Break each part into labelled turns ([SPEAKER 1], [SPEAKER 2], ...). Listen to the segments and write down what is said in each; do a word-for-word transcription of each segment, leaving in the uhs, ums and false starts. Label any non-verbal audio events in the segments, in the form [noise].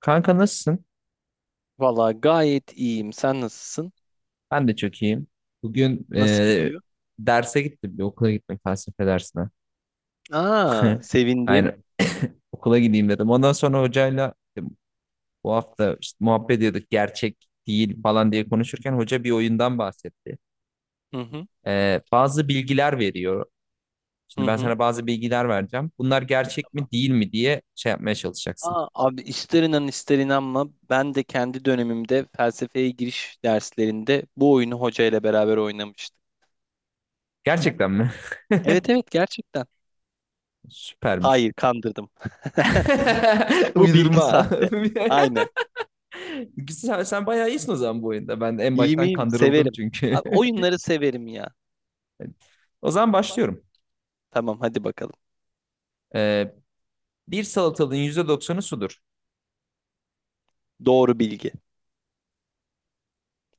[SPEAKER 1] Kanka nasılsın?
[SPEAKER 2] Valla gayet iyiyim. Sen nasılsın?
[SPEAKER 1] Ben de çok iyiyim. Bugün
[SPEAKER 2] Nasıl
[SPEAKER 1] eee,
[SPEAKER 2] gidiyor?
[SPEAKER 1] derse gittim. Bir okula gittim felsefe dersine.
[SPEAKER 2] Aa,
[SPEAKER 1] [laughs]
[SPEAKER 2] sevindim.
[SPEAKER 1] Aynen okula gideyim dedim. Ondan sonra hocayla işte bu hafta işte muhabbet ediyorduk. Gerçek değil falan diye konuşurken hoca bir oyundan bahsetti.
[SPEAKER 2] Hı hı,
[SPEAKER 1] Eee, bazı bilgiler veriyor.
[SPEAKER 2] hı
[SPEAKER 1] Şimdi ben
[SPEAKER 2] hı.
[SPEAKER 1] sana bazı bilgiler vereceğim. Bunlar gerçek mi değil mi diye şey yapmaya çalışacaksın.
[SPEAKER 2] Aa, abi ister inan ister inanma ben de kendi dönemimde felsefeye giriş derslerinde bu oyunu hoca ile beraber oynamıştım.
[SPEAKER 1] Gerçekten mi?
[SPEAKER 2] Evet
[SPEAKER 1] [laughs]
[SPEAKER 2] evet gerçekten.
[SPEAKER 1] Süpermiş.
[SPEAKER 2] Hayır kandırdım. [laughs]
[SPEAKER 1] [laughs]
[SPEAKER 2] Bu bilgi
[SPEAKER 1] Uydurma.
[SPEAKER 2] sahte. Aynen.
[SPEAKER 1] [laughs] [laughs] Sen, sen bayağı iyisin o zaman bu oyunda. Ben en
[SPEAKER 2] İyi
[SPEAKER 1] baştan
[SPEAKER 2] miyim?
[SPEAKER 1] kandırıldım
[SPEAKER 2] Severim.
[SPEAKER 1] çünkü.
[SPEAKER 2] Abi,
[SPEAKER 1] [laughs]
[SPEAKER 2] oyunları severim ya.
[SPEAKER 1] O zaman başlıyorum.
[SPEAKER 2] Tamam hadi bakalım.
[SPEAKER 1] Ee, Bir salatalığın yüzde doksanı sudur.
[SPEAKER 2] Doğru bilgi.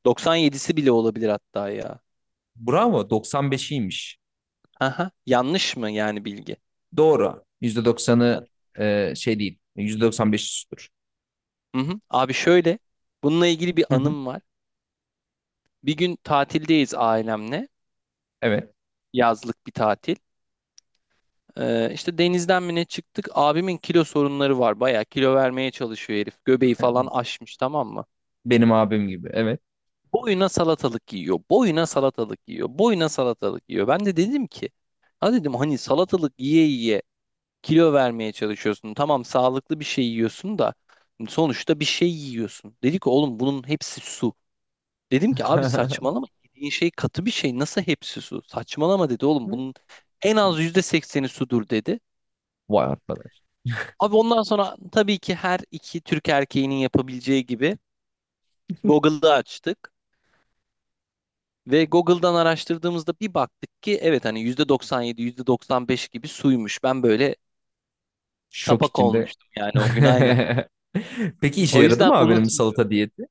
[SPEAKER 2] doksan yedisi bile olabilir hatta ya.
[SPEAKER 1] Bravo, doksan beşiymiş.
[SPEAKER 2] Aha, yanlış mı yani bilgi?
[SPEAKER 1] Doğru. yüzde doksanı e, şey değil. yüzde doksan beşi sudur.
[SPEAKER 2] Hı hı. Abi şöyle, bununla ilgili bir
[SPEAKER 1] Hı hı.
[SPEAKER 2] anım var. Bir gün tatildeyiz ailemle,
[SPEAKER 1] Evet.
[SPEAKER 2] yazlık bir tatil. Ee, işte denizden mi ne çıktık? Abimin kilo sorunları var. Bayağı kilo vermeye çalışıyor herif. Göbeği falan aşmış tamam mı?
[SPEAKER 1] Benim abim gibi. Evet.
[SPEAKER 2] Boyuna salatalık yiyor. Boyuna salatalık yiyor. Boyuna salatalık yiyor. Ben de dedim ki, ha dedim hani salatalık yiye yiye kilo vermeye çalışıyorsun. Tamam sağlıklı bir şey yiyorsun da sonuçta bir şey yiyorsun. Dedi ki oğlum bunun hepsi su. Dedim ki abi saçmalama yediğin şey katı bir şey nasıl hepsi su? Saçmalama dedi oğlum bunun
[SPEAKER 1] [laughs]
[SPEAKER 2] en az yüzde sekseni sudur dedi.
[SPEAKER 1] Vay arkadaş.
[SPEAKER 2] Abi ondan sonra tabii ki her iki Türk erkeğinin yapabileceği gibi
[SPEAKER 1] [laughs]
[SPEAKER 2] Google'da açtık. Ve Google'dan araştırdığımızda bir baktık ki evet hani yüzde doksan yedi yüzde doksan beş gibi suymuş. Ben böyle
[SPEAKER 1] Şok
[SPEAKER 2] kapak
[SPEAKER 1] içinde.
[SPEAKER 2] olmuştum yani o gün aynen.
[SPEAKER 1] [laughs] Peki işe
[SPEAKER 2] O
[SPEAKER 1] yaradı
[SPEAKER 2] yüzden
[SPEAKER 1] mı abinin bu
[SPEAKER 2] unutmuyorum.
[SPEAKER 1] salata diyeti?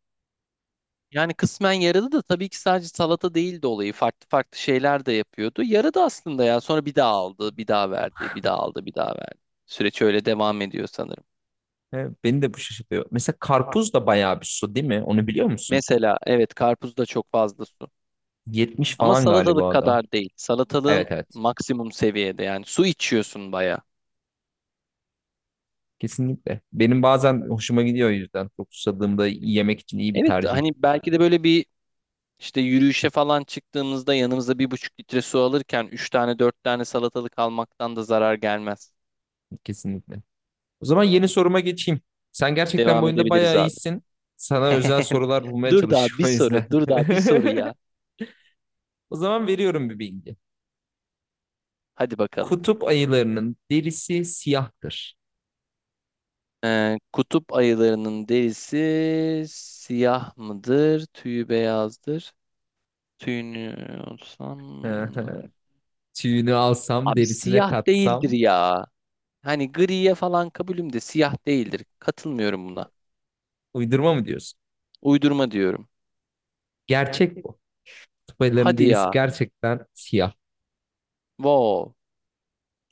[SPEAKER 2] Yani kısmen yaradı da tabii ki sadece salata değildi olayı. Farklı farklı şeyler de yapıyordu. Yaradı aslında ya. Sonra bir daha aldı, bir daha verdi, bir daha aldı, bir daha verdi. Süreç öyle devam ediyor sanırım.
[SPEAKER 1] He, beni de bu şaşırtıyor. Mesela karpuz da bayağı bir su değil mi? Onu biliyor musun?
[SPEAKER 2] Mesela evet karpuzda çok fazla su.
[SPEAKER 1] Yetmiş
[SPEAKER 2] Ama
[SPEAKER 1] falan
[SPEAKER 2] salatalık
[SPEAKER 1] galiba da.
[SPEAKER 2] kadar değil.
[SPEAKER 1] Evet,
[SPEAKER 2] Salatalığın
[SPEAKER 1] evet.
[SPEAKER 2] maksimum seviyede yani su içiyorsun baya.
[SPEAKER 1] Kesinlikle. Benim bazen hoşuma gidiyor o yüzden. Çok susadığımda yemek için iyi bir
[SPEAKER 2] Evet
[SPEAKER 1] tercih.
[SPEAKER 2] hani belki de böyle bir işte yürüyüşe falan çıktığımızda yanımıza bir buçuk litre su alırken üç tane dört tane salatalık almaktan da zarar gelmez.
[SPEAKER 1] Kesinlikle. O zaman yeni soruma geçeyim. Sen gerçekten bu
[SPEAKER 2] Devam
[SPEAKER 1] oyunda
[SPEAKER 2] edebiliriz
[SPEAKER 1] bayağı
[SPEAKER 2] abi.
[SPEAKER 1] iyisin. Sana özel
[SPEAKER 2] [laughs]
[SPEAKER 1] sorular bulmaya
[SPEAKER 2] Dur daha bir
[SPEAKER 1] çalışıyorum o yüzden.
[SPEAKER 2] soru, dur daha bir soru
[SPEAKER 1] [laughs]
[SPEAKER 2] ya.
[SPEAKER 1] O zaman veriyorum bir bilgi.
[SPEAKER 2] Hadi bakalım.
[SPEAKER 1] Kutup ayılarının derisi siyahtır.
[SPEAKER 2] Ee, kutup ayılarının derisi siyah mıdır, tüyü beyazdır? Tüyünü olsam.
[SPEAKER 1] [laughs] Tüyünü alsam,
[SPEAKER 2] Abi
[SPEAKER 1] derisine
[SPEAKER 2] siyah değildir
[SPEAKER 1] katsam.
[SPEAKER 2] ya. Hani griye falan kabulüm de siyah değildir. Katılmıyorum buna.
[SPEAKER 1] Uydurma mı diyorsun?
[SPEAKER 2] Uydurma diyorum.
[SPEAKER 1] Gerçek bu. Kutup ayılarının
[SPEAKER 2] Hadi
[SPEAKER 1] derisi
[SPEAKER 2] ya.
[SPEAKER 1] gerçekten siyah.
[SPEAKER 2] Wow.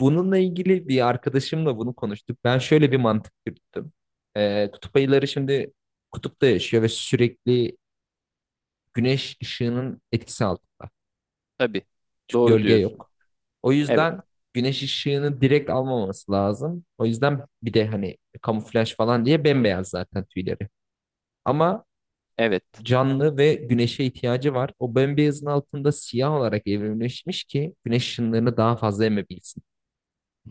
[SPEAKER 1] Bununla ilgili bir arkadaşımla bunu konuştuk. Ben şöyle bir mantık yürüttüm. Ee, kutup ayıları şimdi kutupta yaşıyor ve sürekli güneş ışığının etkisi altında.
[SPEAKER 2] Tabii.
[SPEAKER 1] Çünkü
[SPEAKER 2] Doğru
[SPEAKER 1] gölge
[SPEAKER 2] diyorsun.
[SPEAKER 1] yok. O
[SPEAKER 2] Evet.
[SPEAKER 1] yüzden güneş ışığını direkt almaması lazım. O yüzden bir de hani kamuflaj falan diye bembeyaz zaten tüyleri. Ama
[SPEAKER 2] Evet.
[SPEAKER 1] canlı ve güneşe ihtiyacı var. O bembeyazın altında siyah olarak evrimleşmiş ki güneş ışınlarını daha fazla emebilsin.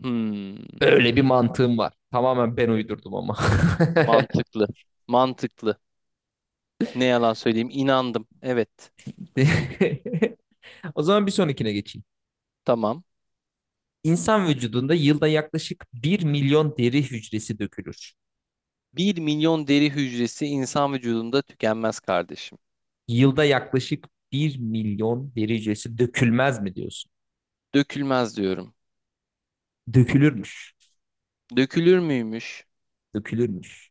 [SPEAKER 2] Hmm.
[SPEAKER 1] Öyle bir mantığım var. Tamamen ben uydurdum ama. [laughs]
[SPEAKER 2] Mantıklı. Mantıklı. Ne yalan söyleyeyim. İnandım. Evet.
[SPEAKER 1] O zaman bir sonrakine geçeyim.
[SPEAKER 2] Tamam.
[SPEAKER 1] İnsan vücudunda yılda yaklaşık bir milyon deri hücresi dökülür.
[SPEAKER 2] Bir milyon deri hücresi insan vücudunda tükenmez kardeşim.
[SPEAKER 1] Yılda yaklaşık bir milyon deri hücresi dökülmez mi diyorsun?
[SPEAKER 2] Dökülmez diyorum.
[SPEAKER 1] Dökülürmüş.
[SPEAKER 2] Dökülür müymüş?
[SPEAKER 1] Dökülürmüş.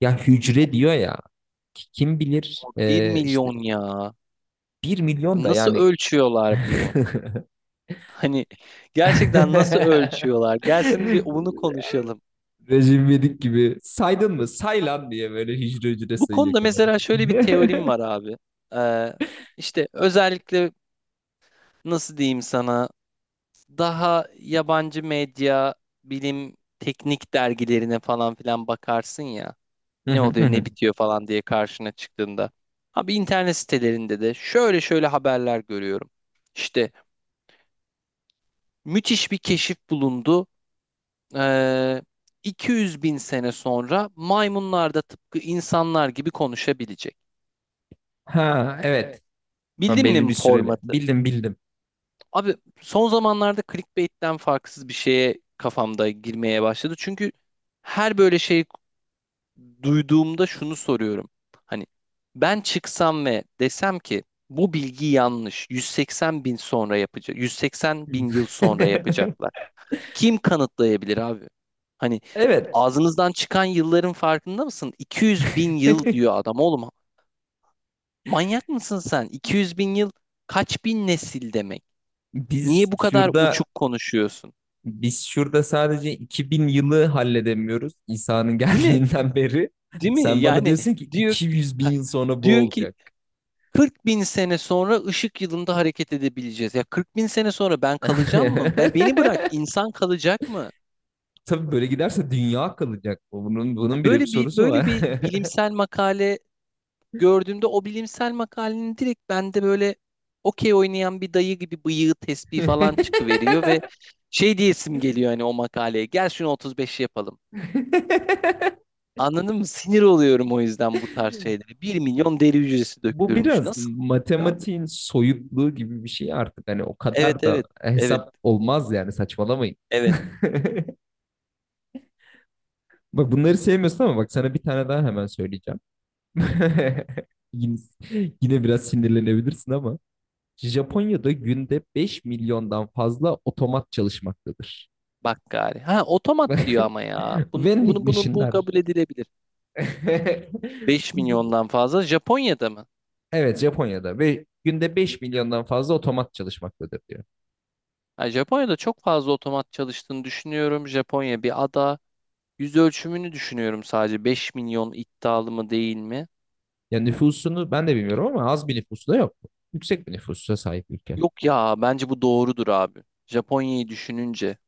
[SPEAKER 1] Ya
[SPEAKER 2] Vay,
[SPEAKER 1] hücre diyor ya. Kim bilir
[SPEAKER 2] bir
[SPEAKER 1] e, işte
[SPEAKER 2] milyon ya.
[SPEAKER 1] bir milyon da
[SPEAKER 2] Nasıl
[SPEAKER 1] yani
[SPEAKER 2] ölçüyorlar bunu? Hani gerçekten nasıl ölçüyorlar? Gelsin bir onu
[SPEAKER 1] [laughs]
[SPEAKER 2] konuşalım.
[SPEAKER 1] Recep İvedik gibi saydın mı? Say lan diye böyle hücre hücre
[SPEAKER 2] Bu
[SPEAKER 1] sayıyor
[SPEAKER 2] konuda
[SPEAKER 1] kenara.
[SPEAKER 2] mesela şöyle bir teorim var abi. Ee, işte özellikle nasıl diyeyim sana daha yabancı medya, bilim, teknik dergilerine falan filan bakarsın ya. Ne oluyor ne
[SPEAKER 1] [laughs]
[SPEAKER 2] bitiyor falan diye karşına çıktığında. Abi internet sitelerinde de şöyle şöyle haberler görüyorum. İşte müthiş bir keşif bulundu. Ee, iki yüz bin sene sonra maymunlar da tıpkı insanlar gibi konuşabilecek.
[SPEAKER 1] Ha, evet. Ama
[SPEAKER 2] Bildin
[SPEAKER 1] belli
[SPEAKER 2] mi
[SPEAKER 1] bir süreli.
[SPEAKER 2] formatı?
[SPEAKER 1] Bildim bildim.
[SPEAKER 2] Abi son zamanlarda clickbait'ten farksız bir şeye kafamda girmeye başladı. Çünkü her böyle şey duyduğumda şunu soruyorum. Hani ben çıksam ve desem ki bu bilgi yanlış. yüz seksen bin sonra yapacak. yüz seksen bin yıl sonra yapacaklar.
[SPEAKER 1] [laughs]
[SPEAKER 2] Kim kanıtlayabilir abi? Hani
[SPEAKER 1] Evet.
[SPEAKER 2] ağzınızdan çıkan yılların farkında mısın? iki yüz bin yıl diyor
[SPEAKER 1] [laughs]
[SPEAKER 2] adam oğlum. Manyak mısın sen? iki yüz bin yıl kaç bin nesil demek?
[SPEAKER 1] Biz
[SPEAKER 2] Niye bu kadar
[SPEAKER 1] şurada
[SPEAKER 2] uçuk konuşuyorsun?
[SPEAKER 1] biz şurada sadece iki bin yılı halledemiyoruz İsa'nın [laughs]
[SPEAKER 2] Değil mi?
[SPEAKER 1] geldiğinden beri.
[SPEAKER 2] Değil mi?
[SPEAKER 1] Sen bana
[SPEAKER 2] Yani
[SPEAKER 1] diyorsun ki
[SPEAKER 2] diyor.
[SPEAKER 1] iki yüz bin
[SPEAKER 2] Ha,
[SPEAKER 1] yıl sonra bu
[SPEAKER 2] diyor ki
[SPEAKER 1] olacak.
[SPEAKER 2] kırk bin sene sonra ışık yılında hareket edebileceğiz. Ya kırk bin sene sonra ben
[SPEAKER 1] [laughs]
[SPEAKER 2] kalacağım mı? Ben beni bırak insan kalacak mı?
[SPEAKER 1] Tabii böyle giderse dünya kalacak. Bunun bunun
[SPEAKER 2] Ya
[SPEAKER 1] bile bir
[SPEAKER 2] böyle bir
[SPEAKER 1] sorusu
[SPEAKER 2] böyle
[SPEAKER 1] var.
[SPEAKER 2] bir bilimsel makale gördüğümde o bilimsel makalenin direkt bende böyle okey oynayan bir dayı gibi bıyığı tesbih falan çıkıveriyor ve
[SPEAKER 1] [laughs]
[SPEAKER 2] şey diyesim geliyor hani o makaleye. Gel şunu otuz beş yapalım.
[SPEAKER 1] [laughs]
[SPEAKER 2] Anladın mı? Sinir oluyorum o yüzden bu tarz şeylere. Bir milyon deri hücresi
[SPEAKER 1] Bu
[SPEAKER 2] dökülürmüş.
[SPEAKER 1] biraz
[SPEAKER 2] Nasıl? Abi.
[SPEAKER 1] matematiğin soyutluğu gibi bir şey artık. Hani o kadar
[SPEAKER 2] Evet
[SPEAKER 1] da
[SPEAKER 2] evet. Evet.
[SPEAKER 1] hesap olmaz yani saçmalamayın.
[SPEAKER 2] Evet.
[SPEAKER 1] [laughs] Bak bunları sevmiyorsun ama bak sana bir tane daha hemen söyleyeceğim. [laughs] Yine, yine biraz sinirlenebilirsin ama Japonya'da günde beş milyondan fazla otomat çalışmaktadır.
[SPEAKER 2] Bak gari. Ha otomat diyor
[SPEAKER 1] [laughs]
[SPEAKER 2] ama ya. Bunu bunu
[SPEAKER 1] Vending
[SPEAKER 2] bunu bu
[SPEAKER 1] machine'ler.
[SPEAKER 2] kabul edilebilir. Beş
[SPEAKER 1] [laughs]
[SPEAKER 2] milyondan fazla Japonya'da mı?
[SPEAKER 1] Evet, Japonya'da ve günde beş milyondan fazla otomat çalışmaktadır diyor.
[SPEAKER 2] Ha, Japonya'da çok fazla otomat çalıştığını düşünüyorum. Japonya bir ada. Yüz ölçümünü düşünüyorum sadece. Beş milyon iddialı mı değil mi?
[SPEAKER 1] Ya nüfusunu ben de bilmiyorum ama az bir nüfusu da yok. Yüksek bir nüfusa sahip ülke.
[SPEAKER 2] Yok ya bence bu doğrudur abi. Japonya'yı düşününce.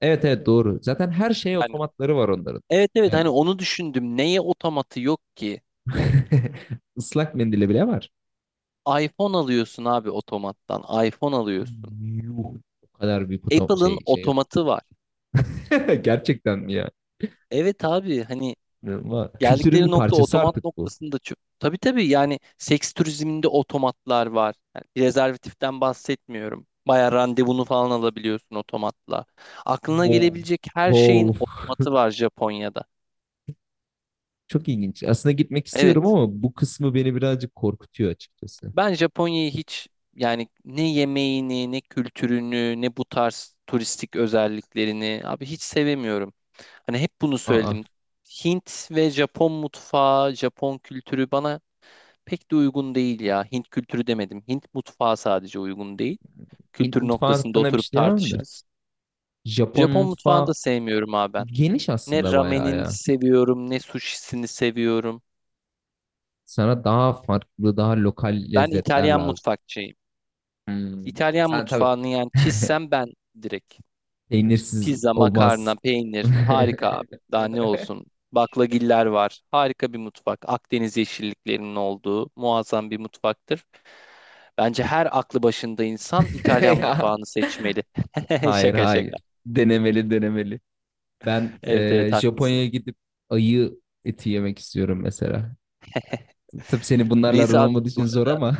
[SPEAKER 1] Evet, evet, doğru. Zaten her şeye
[SPEAKER 2] Yani
[SPEAKER 1] otomatları var onların.
[SPEAKER 2] evet evet
[SPEAKER 1] Yani
[SPEAKER 2] hani onu düşündüm. Neye otomatı yok ki?
[SPEAKER 1] [laughs] ıslak mendili bile var.
[SPEAKER 2] iPhone alıyorsun abi otomattan. iPhone alıyorsun.
[SPEAKER 1] Yuh. O kadar büyük otom
[SPEAKER 2] Apple'ın
[SPEAKER 1] şey şey.
[SPEAKER 2] otomatı var.
[SPEAKER 1] [laughs] Gerçekten mi ya?
[SPEAKER 2] Evet abi hani.
[SPEAKER 1] İnanılmaz. Kültürün
[SPEAKER 2] Geldikleri
[SPEAKER 1] bir
[SPEAKER 2] nokta
[SPEAKER 1] parçası
[SPEAKER 2] otomat
[SPEAKER 1] artık bu.
[SPEAKER 2] noktasında çok. Tabii tabii yani seks turizminde otomatlar var. Yani bir rezervatiften bahsetmiyorum. Bayağı randevunu falan alabiliyorsun otomatla. Aklına
[SPEAKER 1] Wow.
[SPEAKER 2] gelebilecek her şeyin
[SPEAKER 1] Wow.
[SPEAKER 2] otomatı var Japonya'da.
[SPEAKER 1] Çok ilginç. Aslında gitmek istiyorum
[SPEAKER 2] Evet.
[SPEAKER 1] ama bu kısmı beni birazcık korkutuyor açıkçası.
[SPEAKER 2] Ben Japonya'yı hiç yani ne yemeğini, ne kültürünü, ne bu tarz turistik özelliklerini abi hiç sevemiyorum. Hani hep bunu
[SPEAKER 1] Aa,
[SPEAKER 2] söyledim. Hint ve Japon mutfağı, Japon kültürü bana pek de uygun değil ya. Hint kültürü demedim. Hint mutfağı sadece uygun değil.
[SPEAKER 1] Hint
[SPEAKER 2] Kültür
[SPEAKER 1] mutfağı
[SPEAKER 2] noktasında
[SPEAKER 1] hakkında bir şey
[SPEAKER 2] oturup
[SPEAKER 1] diyemem de.
[SPEAKER 2] tartışırız.
[SPEAKER 1] Japon
[SPEAKER 2] Japon mutfağını da
[SPEAKER 1] mutfağı
[SPEAKER 2] sevmiyorum abi ben.
[SPEAKER 1] geniş
[SPEAKER 2] Ne
[SPEAKER 1] aslında bayağı
[SPEAKER 2] ramenini
[SPEAKER 1] ya.
[SPEAKER 2] seviyorum, ne sushisini seviyorum.
[SPEAKER 1] Sana daha farklı, daha lokal
[SPEAKER 2] Ben
[SPEAKER 1] lezzetler
[SPEAKER 2] İtalyan
[SPEAKER 1] lazım.
[SPEAKER 2] mutfakçıyım.
[SPEAKER 1] Hmm.
[SPEAKER 2] İtalyan
[SPEAKER 1] Sen tabii
[SPEAKER 2] mutfağını yani çizsem ben direkt.
[SPEAKER 1] peynirsiz
[SPEAKER 2] Pizza, makarna,
[SPEAKER 1] olmaz. [laughs]
[SPEAKER 2] peynir harika abi. Daha ne olsun? Baklagiller var. Harika bir mutfak. Akdeniz yeşilliklerinin olduğu muazzam bir mutfaktır. Bence her aklı başında insan İtalyan
[SPEAKER 1] Ya,
[SPEAKER 2] mutfağını seçmeli. [laughs]
[SPEAKER 1] hayır,
[SPEAKER 2] Şaka
[SPEAKER 1] hayır.
[SPEAKER 2] şaka.
[SPEAKER 1] Denemeli, denemeli. Ben
[SPEAKER 2] Evet evet
[SPEAKER 1] e,
[SPEAKER 2] haklısın.
[SPEAKER 1] Japonya'ya gidip ayı eti yemek istiyorum mesela.
[SPEAKER 2] [laughs]
[SPEAKER 1] Tabii senin bunlarla
[SPEAKER 2] Neyse
[SPEAKER 1] aran
[SPEAKER 2] abi
[SPEAKER 1] olmadığı
[SPEAKER 2] bu
[SPEAKER 1] için zor
[SPEAKER 2] arada
[SPEAKER 1] ama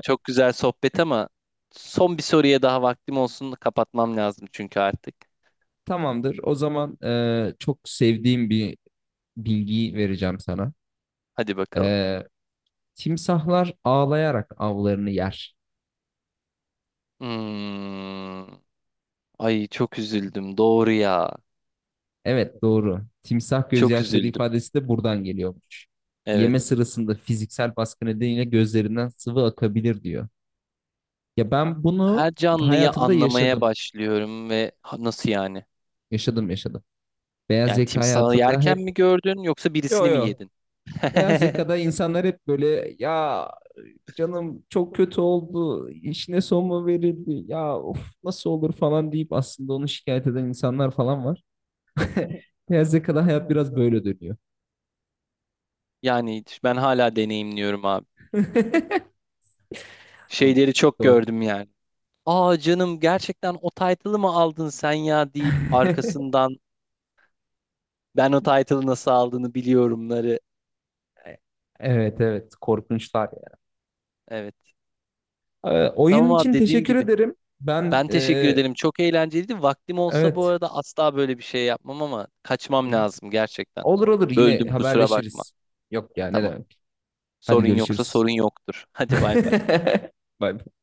[SPEAKER 2] çok güzel sohbet ama son bir soruya daha vaktim olsun kapatmam lazım çünkü artık.
[SPEAKER 1] [laughs] tamamdır. O zaman e, çok sevdiğim bir bilgiyi vereceğim sana.
[SPEAKER 2] Hadi bakalım.
[SPEAKER 1] E, Timsahlar ağlayarak avlarını yer.
[SPEAKER 2] Hmm. Ay çok üzüldüm doğru ya.
[SPEAKER 1] Evet, doğru. Timsah
[SPEAKER 2] Çok
[SPEAKER 1] gözyaşları
[SPEAKER 2] üzüldüm.
[SPEAKER 1] ifadesi de buradan geliyormuş.
[SPEAKER 2] Evet.
[SPEAKER 1] Yeme sırasında fiziksel baskı nedeniyle gözlerinden sıvı akabilir diyor. Ya ben bunu
[SPEAKER 2] Her canlıyı
[SPEAKER 1] hayatımda
[SPEAKER 2] anlamaya
[SPEAKER 1] yaşadım.
[SPEAKER 2] başlıyorum ve ha, nasıl yani?
[SPEAKER 1] Yaşadım, yaşadım. Beyaz
[SPEAKER 2] Yani
[SPEAKER 1] yaka
[SPEAKER 2] timsahı
[SPEAKER 1] hayatında
[SPEAKER 2] yerken
[SPEAKER 1] hep
[SPEAKER 2] mi gördün yoksa
[SPEAKER 1] yo,
[SPEAKER 2] birisini mi
[SPEAKER 1] yo.
[SPEAKER 2] yedin?
[SPEAKER 1] Beyaz
[SPEAKER 2] [laughs]
[SPEAKER 1] yakada insanlar hep böyle ya, canım çok kötü oldu. İşine son mu verildi? Ya of, nasıl olur falan deyip aslında onu şikayet eden insanlar falan var. [laughs] Beyaz yakada hayat biraz böyle dönüyor.
[SPEAKER 2] Yani ben hala deneyimliyorum abi.
[SPEAKER 1] [laughs]
[SPEAKER 2] Şeyleri çok
[SPEAKER 1] Doğru.
[SPEAKER 2] gördüm yani. Aa canım gerçekten o title'ı mı aldın sen ya deyip
[SPEAKER 1] [laughs]
[SPEAKER 2] arkasından ben o title'ı nasıl aldığını biliyorumları.
[SPEAKER 1] Evet, evet, korkunçlar ya.
[SPEAKER 2] Evet.
[SPEAKER 1] Ee, oyun
[SPEAKER 2] Tamam abi
[SPEAKER 1] için
[SPEAKER 2] dediğim
[SPEAKER 1] teşekkür
[SPEAKER 2] gibi.
[SPEAKER 1] ederim. Ben
[SPEAKER 2] Ben teşekkür
[SPEAKER 1] e,
[SPEAKER 2] ederim. Çok eğlenceliydi. Vaktim olsa bu
[SPEAKER 1] evet.
[SPEAKER 2] arada asla böyle bir şey yapmam ama
[SPEAKER 1] Hı
[SPEAKER 2] kaçmam
[SPEAKER 1] hı.
[SPEAKER 2] lazım gerçekten.
[SPEAKER 1] Olur, olur, yine
[SPEAKER 2] Böldüm kusura bakma.
[SPEAKER 1] haberleşiriz. Yok ya, ne
[SPEAKER 2] Tamam.
[SPEAKER 1] demek. Hadi
[SPEAKER 2] Sorun yoksa
[SPEAKER 1] görüşürüz.
[SPEAKER 2] sorun yoktur. [laughs]
[SPEAKER 1] [laughs]
[SPEAKER 2] Hadi bay bay.
[SPEAKER 1] Bay bay.